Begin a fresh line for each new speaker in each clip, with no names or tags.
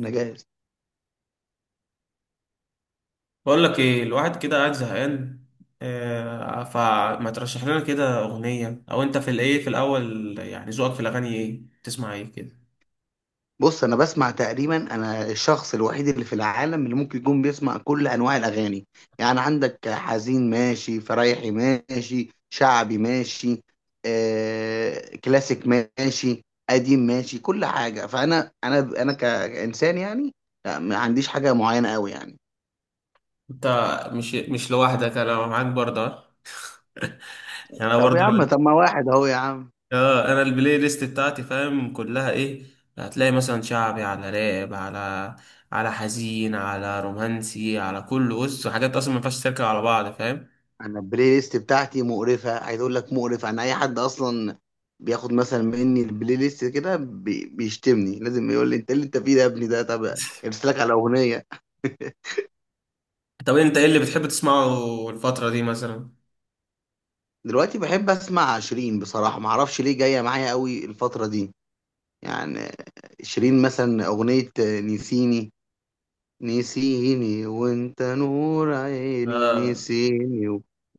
انا جاهز.
بقول لك ايه؟ الواحد كده قاعد زهقان. فما ترشح لنا كده اغنيه؟ او انت في الايه في الاول، يعني ذوقك في الاغاني ايه؟ تسمع ايه كده؟
بص، انا بسمع تقريبا، انا الشخص الوحيد اللي في العالم اللي ممكن يكون بيسمع كل انواع الاغاني. يعني عندك حزين ماشي، فرايحي ماشي، شعبي ماشي، كلاسيك ماشي، قديم ماشي، كل حاجه. فانا انا انا كانسان يعني. لا، ما عنديش حاجه معينه قوي يعني.
انت مش لوحدك، انا معاك برضه آه. يعني انا
طب يا عم،
برضه
طب ما واحد اهو يا عم.
اه، انا البلاي ليست بتاعتي، فاهم، كلها ايه؟ هتلاقي مثلا شعبي على راب، على حزين، على رومانسي، على كل، بص، حاجات اصلا ما ينفعش تركب على بعض، فاهم.
انا البلاي ليست بتاعتي مقرفه، عايز اقول لك مقرفه. انا اي حد اصلا بياخد مثلا مني البلاي ليست كده بيشتمني، لازم يقول لي انت إيه اللي انت فيه ده يا ابني؟ ده طب ارسلك على اغنيه.
طب انت ايه اللي بتحب تسمعه الفتره دي مثلا؟
دلوقتي بحب اسمع شيرين بصراحه، ما اعرفش ليه جايه معايا قوي الفتره دي يعني. شيرين، مثلا اغنيه نسيني. نسيني وانت نور عيني،
اه.
نسيني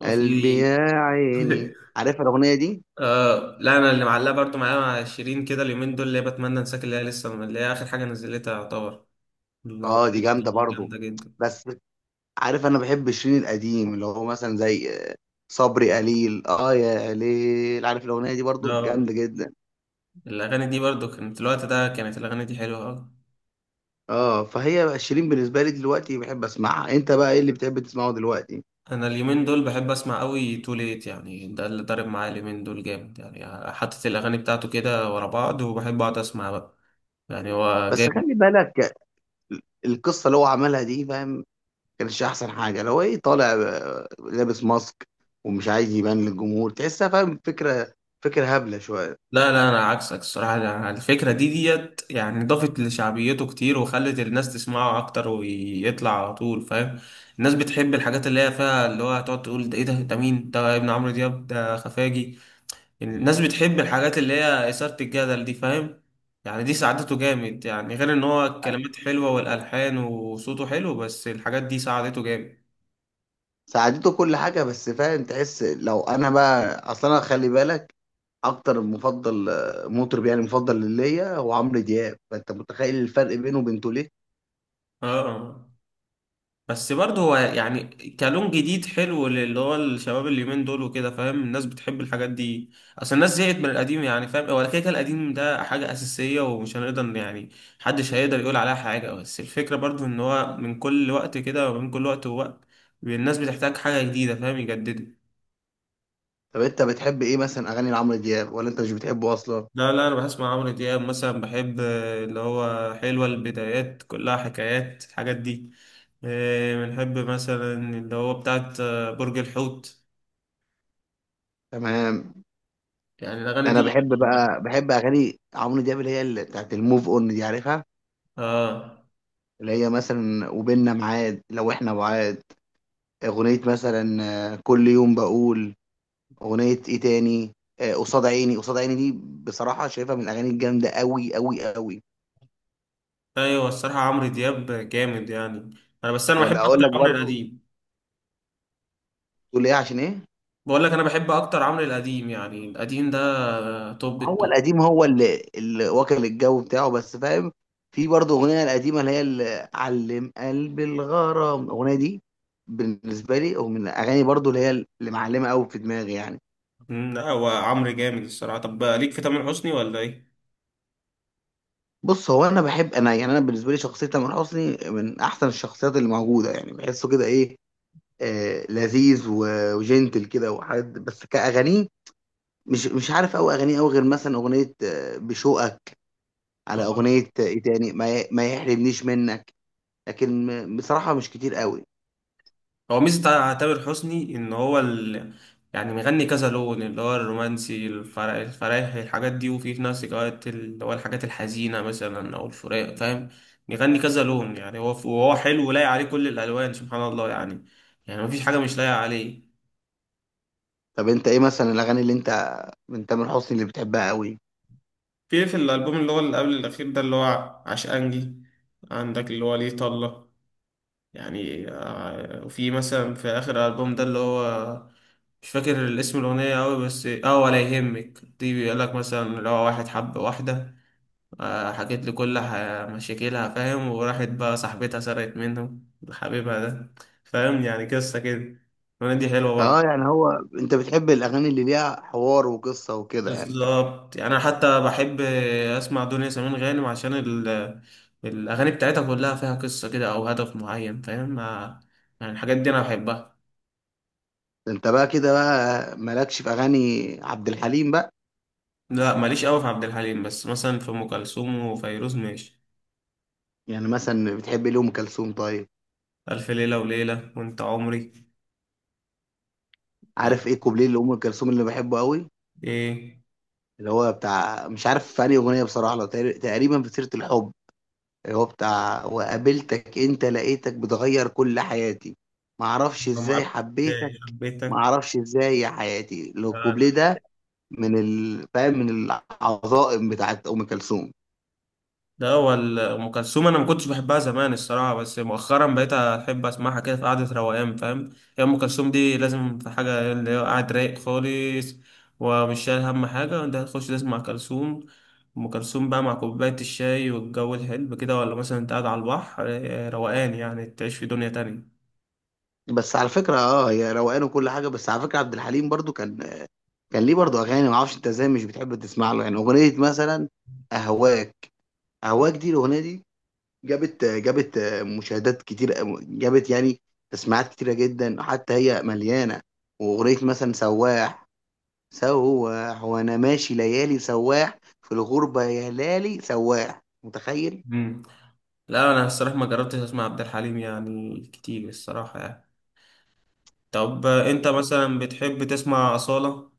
وقلبي
في.
يا عيني، عارف الاغنيه دي؟
آه لا، انا اللي معلقه برضو معايا مع شيرين كده اليومين دول، اللي هي بتمنى انساك، اللي هي لسه، اللي هي اخر حاجه نزلتها يعتبر.
اه دي
الاغنيه
جامده
دي
برضو،
جامده جدا.
بس عارف، انا بحب شيرين القديم، اللي هو مثلا زي صبري قليل، اه يا ليل، عارف الاغنيه دي؟ برضو
اه،
جامده جدا.
الاغاني دي برضو كانت، الوقت ده كانت الاغاني دي حلوه أوي.
اه، فهي بقى شيرين بالنسبه لي دلوقتي بحب اسمعها. انت بقى ايه اللي بتحب تسمعه دلوقتي؟
انا اليومين دول بحب اسمع قوي تو ليت، يعني ده اللي ضارب معايا اليومين دول جامد، يعني حاطط الاغاني بتاعته كده ورا بعض وبحب اقعد اسمع بقى. يعني هو
بس
جاي.
خلي بالك، القصه اللي هو عملها دي، فاهم؟ كانتش احسن حاجه لو ايه، طالع لابس ماسك ومش عايز يبان للجمهور، تحسها فاهم؟ فكره، فكره هبله شويه.
لا لا، انا عكسك الصراحه. أنا الفكره دي ديت يعني ضافت لشعبيته كتير وخلت الناس تسمعه اكتر ويطلع على طول، فاهم. الناس بتحب الحاجات اللي هي فيها اللي هو هتقعد تقول ده ايه ده، ده مين ده، ابن عمرو دياب، ده خفاجي، يعني الناس بتحب الحاجات اللي هي اثاره الجدل دي، فاهم. يعني دي ساعدته جامد، يعني غير ان هو الكلمات حلوه والالحان وصوته حلو، بس الحاجات دي ساعدته جامد.
ساعدته كل حاجه، بس فاهم، تحس. لو انا بقى اصلا، انا خلي بالك، اكتر مفضل مطرب يعني، مفضل ليا هو عمرو دياب، فانت متخيل الفرق بينه وبين توليه.
اه بس برضه هو يعني كلون جديد حلو، اللي هو الشباب اليومين دول وكده، فاهم، الناس بتحب الحاجات دي. اصل الناس زهقت من القديم، يعني فاهم، هو كده القديم ده حاجة أساسية ومش هنقدر يعني محدش هيقدر يقول عليها حاجة، بس الفكرة برضه ان هو من كل وقت كده، ومن كل وقت ووقت الناس بتحتاج حاجة جديدة، فاهم، يجددوا.
طب انت بتحب ايه مثلا اغاني لعمرو دياب، ولا انت مش بتحبه اصلا؟
لا لا، انا بسمع عمرو دياب مثلا، بحب اللي هو حلوة، البدايات، كلها حكايات، الحاجات دي. بنحب مثلا اللي هو بتاعت برج الحوت،
تمام.
يعني الأغاني
انا
دي
بحب
بحبها.
بقى، بحب اغاني عمرو دياب اللي هي اللي بتاعت الموف اون دي، عارفها؟
آه.
اللي هي مثلا وبيننا ميعاد لو احنا بعاد. اغنيه مثلا كل يوم بقول. اغنيه ايه تاني؟ قصاد عيني، قصاد عيني دي بصراحه شايفها من الاغاني الجامده قوي قوي قوي.
أيوة الصراحة عمرو دياب جامد يعني. أنا بس أنا بحب
ولا اقول
أكتر
لك
عمرو
برضو،
القديم.
تقول ايه عشان ايه؟
بقول لك، أنا بحب أكتر عمرو القديم، يعني القديم ده توب
هو
التوب.
القديم هو اللي واكل الجو بتاعه، بس فاهم؟ في برضه اغنيه القديمه اللي هي اللي علم قلب الغرام. الاغنيه دي بالنسبه لي، ومن الاغاني برضه اللي هي اللي معلمه قوي في دماغي يعني.
لا هو عمرو جامد الصراحة. طب ليك في تامر حسني ولا إيه؟
بص، هو انا بحب، انا يعني، انا بالنسبه لي شخصيه تامر حسني من احسن الشخصيات اللي موجوده يعني. بحسه كده ايه، آه لذيذ وجنتل كده وحد، بس كاغانيه مش عارف قوي اغانيه قوي، غير مثلا اغنيه بشوقك، على اغنيه
آه.
ايه تاني، ما يحرمنيش منك. لكن بصراحة مش كتير قوي.
هو ميزة تامر حسني إن هو ال... يعني مغني كذا لون، اللي هو الرومانسي، الفر... الفرايح، الحاجات دي، وفي في نفس الوقت اللي هو الحاجات الحزينة مثلا أو الفراق، فاهم. مغني كذا لون، يعني هو، وهو حلو ولايق عليه كل الألوان، سبحان الله يعني. يعني مفيش حاجة مش لايقة عليه.
طب انت ايه مثلا الاغاني اللي انت من تامر حسني اللي بتحبها قوي؟
في في الألبوم اللي هو اللي قبل الأخير ده، اللي هو عشقانجي، عندك اللي هو ليه طلة. يعني وفي مثلا في آخر ألبوم ده اللي هو، مش فاكر الاسم الأغنية أوي، بس اه ولا يهمك دي، بيقولك مثلا اللي هو واحد حب واحدة، حكيت لي كل ح- مشاكلها، فاهم، وراحت بقى صاحبتها سرقت منه حبيبها ده، فاهم، يعني قصة كده. الأغنية دي حلوة برضه.
اه يعني هو، انت بتحب الاغاني اللي ليها حوار وقصة وكده يعني؟
بالظبط، يعني أنا حتى بحب أسمع دنيا سمير غانم عشان ال الأغاني بتاعتها كلها فيها قصة كده أو هدف معين، فاهم. يعني الحاجات دي أنا بحبها.
ده انت بقى كده بقى مالكش في اغاني عبد الحليم بقى؟
لا ماليش قوي في عبد الحليم، بس مثلا في ام كلثوم وفيروز ماشي.
يعني مثلا بتحب ليه ام كلثوم طيب؟
الف ليله وليله وانت عمري. يعني
عارف ايه كوبليه لام كلثوم اللي بحبه قوي؟
ايه؟
اللي هو بتاع، مش عارف في انهي اغنية بصراحة، لو تقريبا في سيرة الحب، اللي هو بتاع وقابلتك انت لقيتك بتغير كل حياتي، معرفش
ما
ازاي
معرفش
حبيتك،
ازاي
ما
حبيتك.
اعرفش ازاي يا حياتي، لو
آه.
الكوبليه ده من ال... فاهم، من العظائم بتاعت ام كلثوم.
ده هو ال- ام كلثوم انا ما كنتش بحبها زمان الصراحه، بس مؤخرا بقيت احب اسمعها كده في قعده روقان، فاهم. هي ام كلثوم دي لازم في حاجه اللي هو قاعد رايق خالص ومش شايل هم حاجه، انت هتخش تسمع كلثوم. ام كلثوم بقى مع كوبايه الشاي والجو الحلو كده، ولا مثلا انت قاعد على البحر روقان، يعني تعيش في دنيا تانية.
بس على فكره اه، هي روقان وكل حاجه، بس على فكره عبد الحليم برضو كان، كان ليه برضو اغاني، ما اعرفش انت ازاي مش بتحب تسمع له. يعني اغنيه مثلا اهواك، اهواك دي، الاغنيه دي جابت، جابت مشاهدات كتير، جابت يعني تسميعات كتيره جدا، حتى هي مليانه. واغنيه مثلا سواح، سواح وانا ماشي ليالي، سواح في الغربه يا لالي، سواح، متخيل؟
مم. لا انا الصراحه ما جربتش اسمع عبد الحليم يعني كتير الصراحه يعني. طب انت مثلا بتحب تسمع اصاله؟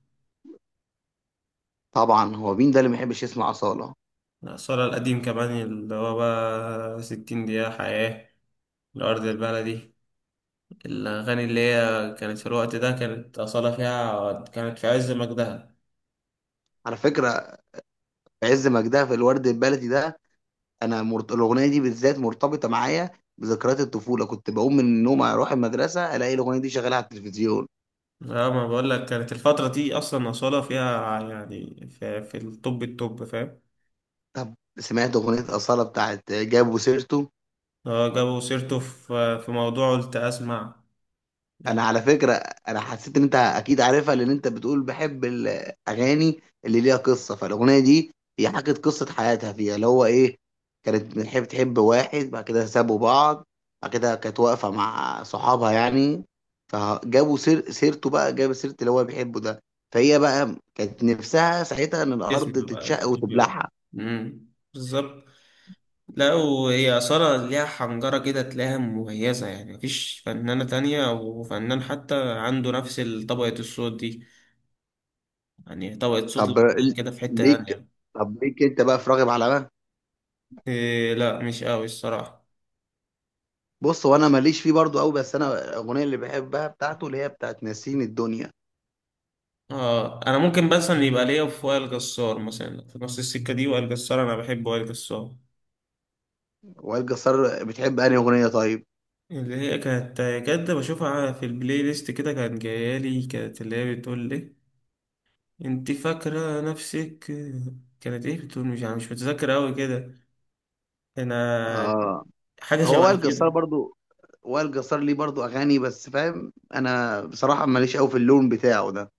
طبعا، هو مين ده اللي ما يحبش يسمع أصالة؟
اصاله القديم كمان، اللي هو بقى ستين دقيقه حياه، الارض، البلدي، الاغاني اللي هي كانت في الوقت ده، كانت اصاله فيها، كانت في عز مجدها.
على فكرة في عز مجدها، في الورد البلدي ده، أنا مرت... الأغنية دي بالذات مرتبطة معايا بذكريات الطفولة. كنت بقوم من النوم أروح المدرسة ألاقي الأغنية دي شغالة على التلفزيون.
لا، ما بقول لك كانت الفتره دي اصلا اصاله فيها، يعني في الطب، فاهم.
طب سمعت أغنية أصالة بتاعت جابوا سيرته؟
هو جابوا سيرته؟ في في موضوع قلت اسمع.
انا على فكره انا حسيت ان انت اكيد عارفها، لان انت بتقول بحب الاغاني اللي ليها قصه. فالاغنيه دي هي حكت قصه حياتها فيها، اللي هو ايه، كانت بتحب، تحب واحد، بعد كده سابوا بعض، بعد كده كانت واقفه مع صحابها يعني، فجابوا سيرته بقى، جاب سيره اللي هو بيحبه ده، فهي بقى كانت نفسها ساعتها ان الارض
اسمه بقى
تتشق
طوكيو.
وتبلعها.
امم. بالظبط. لا وهي أصالة ليها حنجرة كده تلاقيها مميزة، يعني مفيش فنانة تانية أو فنان حتى عنده نفس طبقة الصوت دي. يعني طبقة صوت
طب
لوحدها كده في حتة
ليك،
تانية.
طب ليك انت بقى في راغب على؟
إيه؟ لا مش قوي الصراحة.
بص، هو انا ماليش فيه برضو قوي، بس انا الاغنيه اللي بحبها بتاعته اللي هي بتاعت ناسين الدنيا.
اه انا ممكن مثلا يبقى ليا في وائل جسار، مثلا في نص السكة دي، وائل جسار انا بحب وائل جسار.
وائل جسار بتحب انهي اغنيه طيب؟
اللي هي كانت، كانت بشوفها في البلاي ليست كده، كانت جايالي، كانت اللي هي بتقول لي انت فاكرة نفسك، كانت ايه بتقول؟ مش، انا مش متذكر اوي كده. انا
اه،
حاجة
هو وائل
شبه
جسار
كده.
برضو، وائل جسار ليه برضو اغاني، بس فاهم انا بصراحه ماليش قوي في اللون بتاعه ده.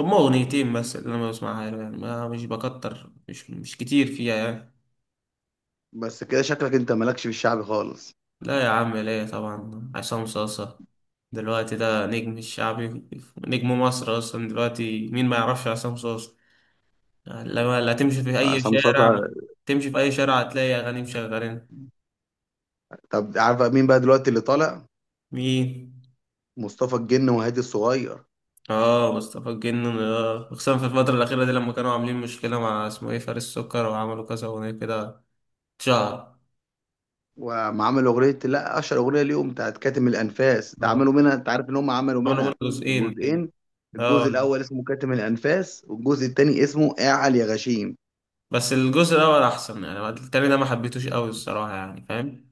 هما اغنيتين بس اللي انا بسمعها له، يعني ما مش بكتر مش مش كتير فيها يعني.
بس كده شكلك انت مالكش في الشعبي خالص؟
لا يا عم، ليه؟ طبعا، عصام صاصة دلوقتي ده نجم الشعبي، نجم مصر اصلا دلوقتي. مين ما يعرفش عصام صاصة؟ لما لا تمشي في اي
عصام
شارع،
صاصا.
تمشي في اي شارع هتلاقي اغاني مشغلين.
طب عارف مين بقى دلوقتي اللي طالع؟
مين؟
مصطفى الجن وهادي الصغير.
اه مصطفى الجن، اه خصوصا في الفترة الأخيرة دي، لما كانوا عاملين مشكلة مع اسمه ايه، فارس سكر، وعملوا كذا أغنية كده، اتشهر.
وعملوا اغنيه، لا اشهر اغنيه ليهم بتاعت كاتم الانفاس ده،
اه،
عملوا منها، انت عارف ان هم عملوا
عملوا منه
منها
جزئين كده.
جزئين؟ الجزء
اه
الاول اسمه كاتم الانفاس والجزء الثاني اسمه اعل يا غشيم.
بس الجزء الأول أحسن، يعني التاني ده ما حبيتوش أوي الصراحة، يعني فاهم.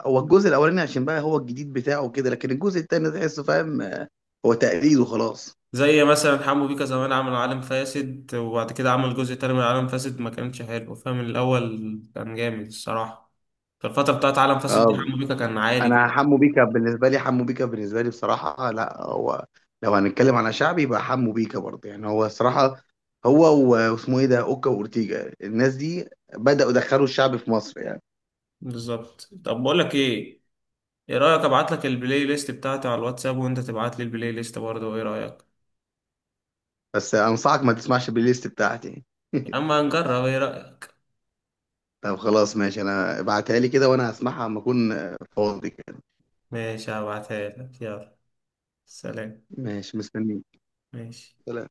هو الجزء الاولاني عشان بقى هو الجديد بتاعه كده، لكن الجزء الثاني تحسه فاهم، هو تقليد وخلاص.
زي مثلا حمو بيكا زمان عمل عالم فاسد، وبعد كده عمل جزء تاني من عالم فاسد ما كانش حلو، فاهم، الأول كان جامد الصراحة. في الفترة بتاعت عالم فاسد دي
آه،
حمو بيكا كان عالي
انا
جدا.
حمو بيكا بالنسبه لي، حمو بيكا بالنسبه لي بصراحه، لا هو لو هنتكلم على شعبي يبقى حمو بيكا برضه، يعني هو الصراحه هو واسمه ايه ده، اوكا واورتيجا، الناس دي بداوا يدخلوا الشعب في مصر يعني.
بالظبط. طب بقول لك ايه، ايه رأيك ابعت لك البلاي ليست بتاعتي على الواتساب وانت تبعت لي البلاي ليست برضه، ايه رأيك؟
بس انصحك ما تسمعش البلاي ليست بتاعتي.
يا عم هنجرب، ايه رأيك؟
طب خلاص ماشي، انا ابعتها لي كده وانا هسمعها اما اكون فاضي كده.
ماشي هبعتها لك، يلا سلام.
ماشي، مستنيك.
ماشي.
سلام.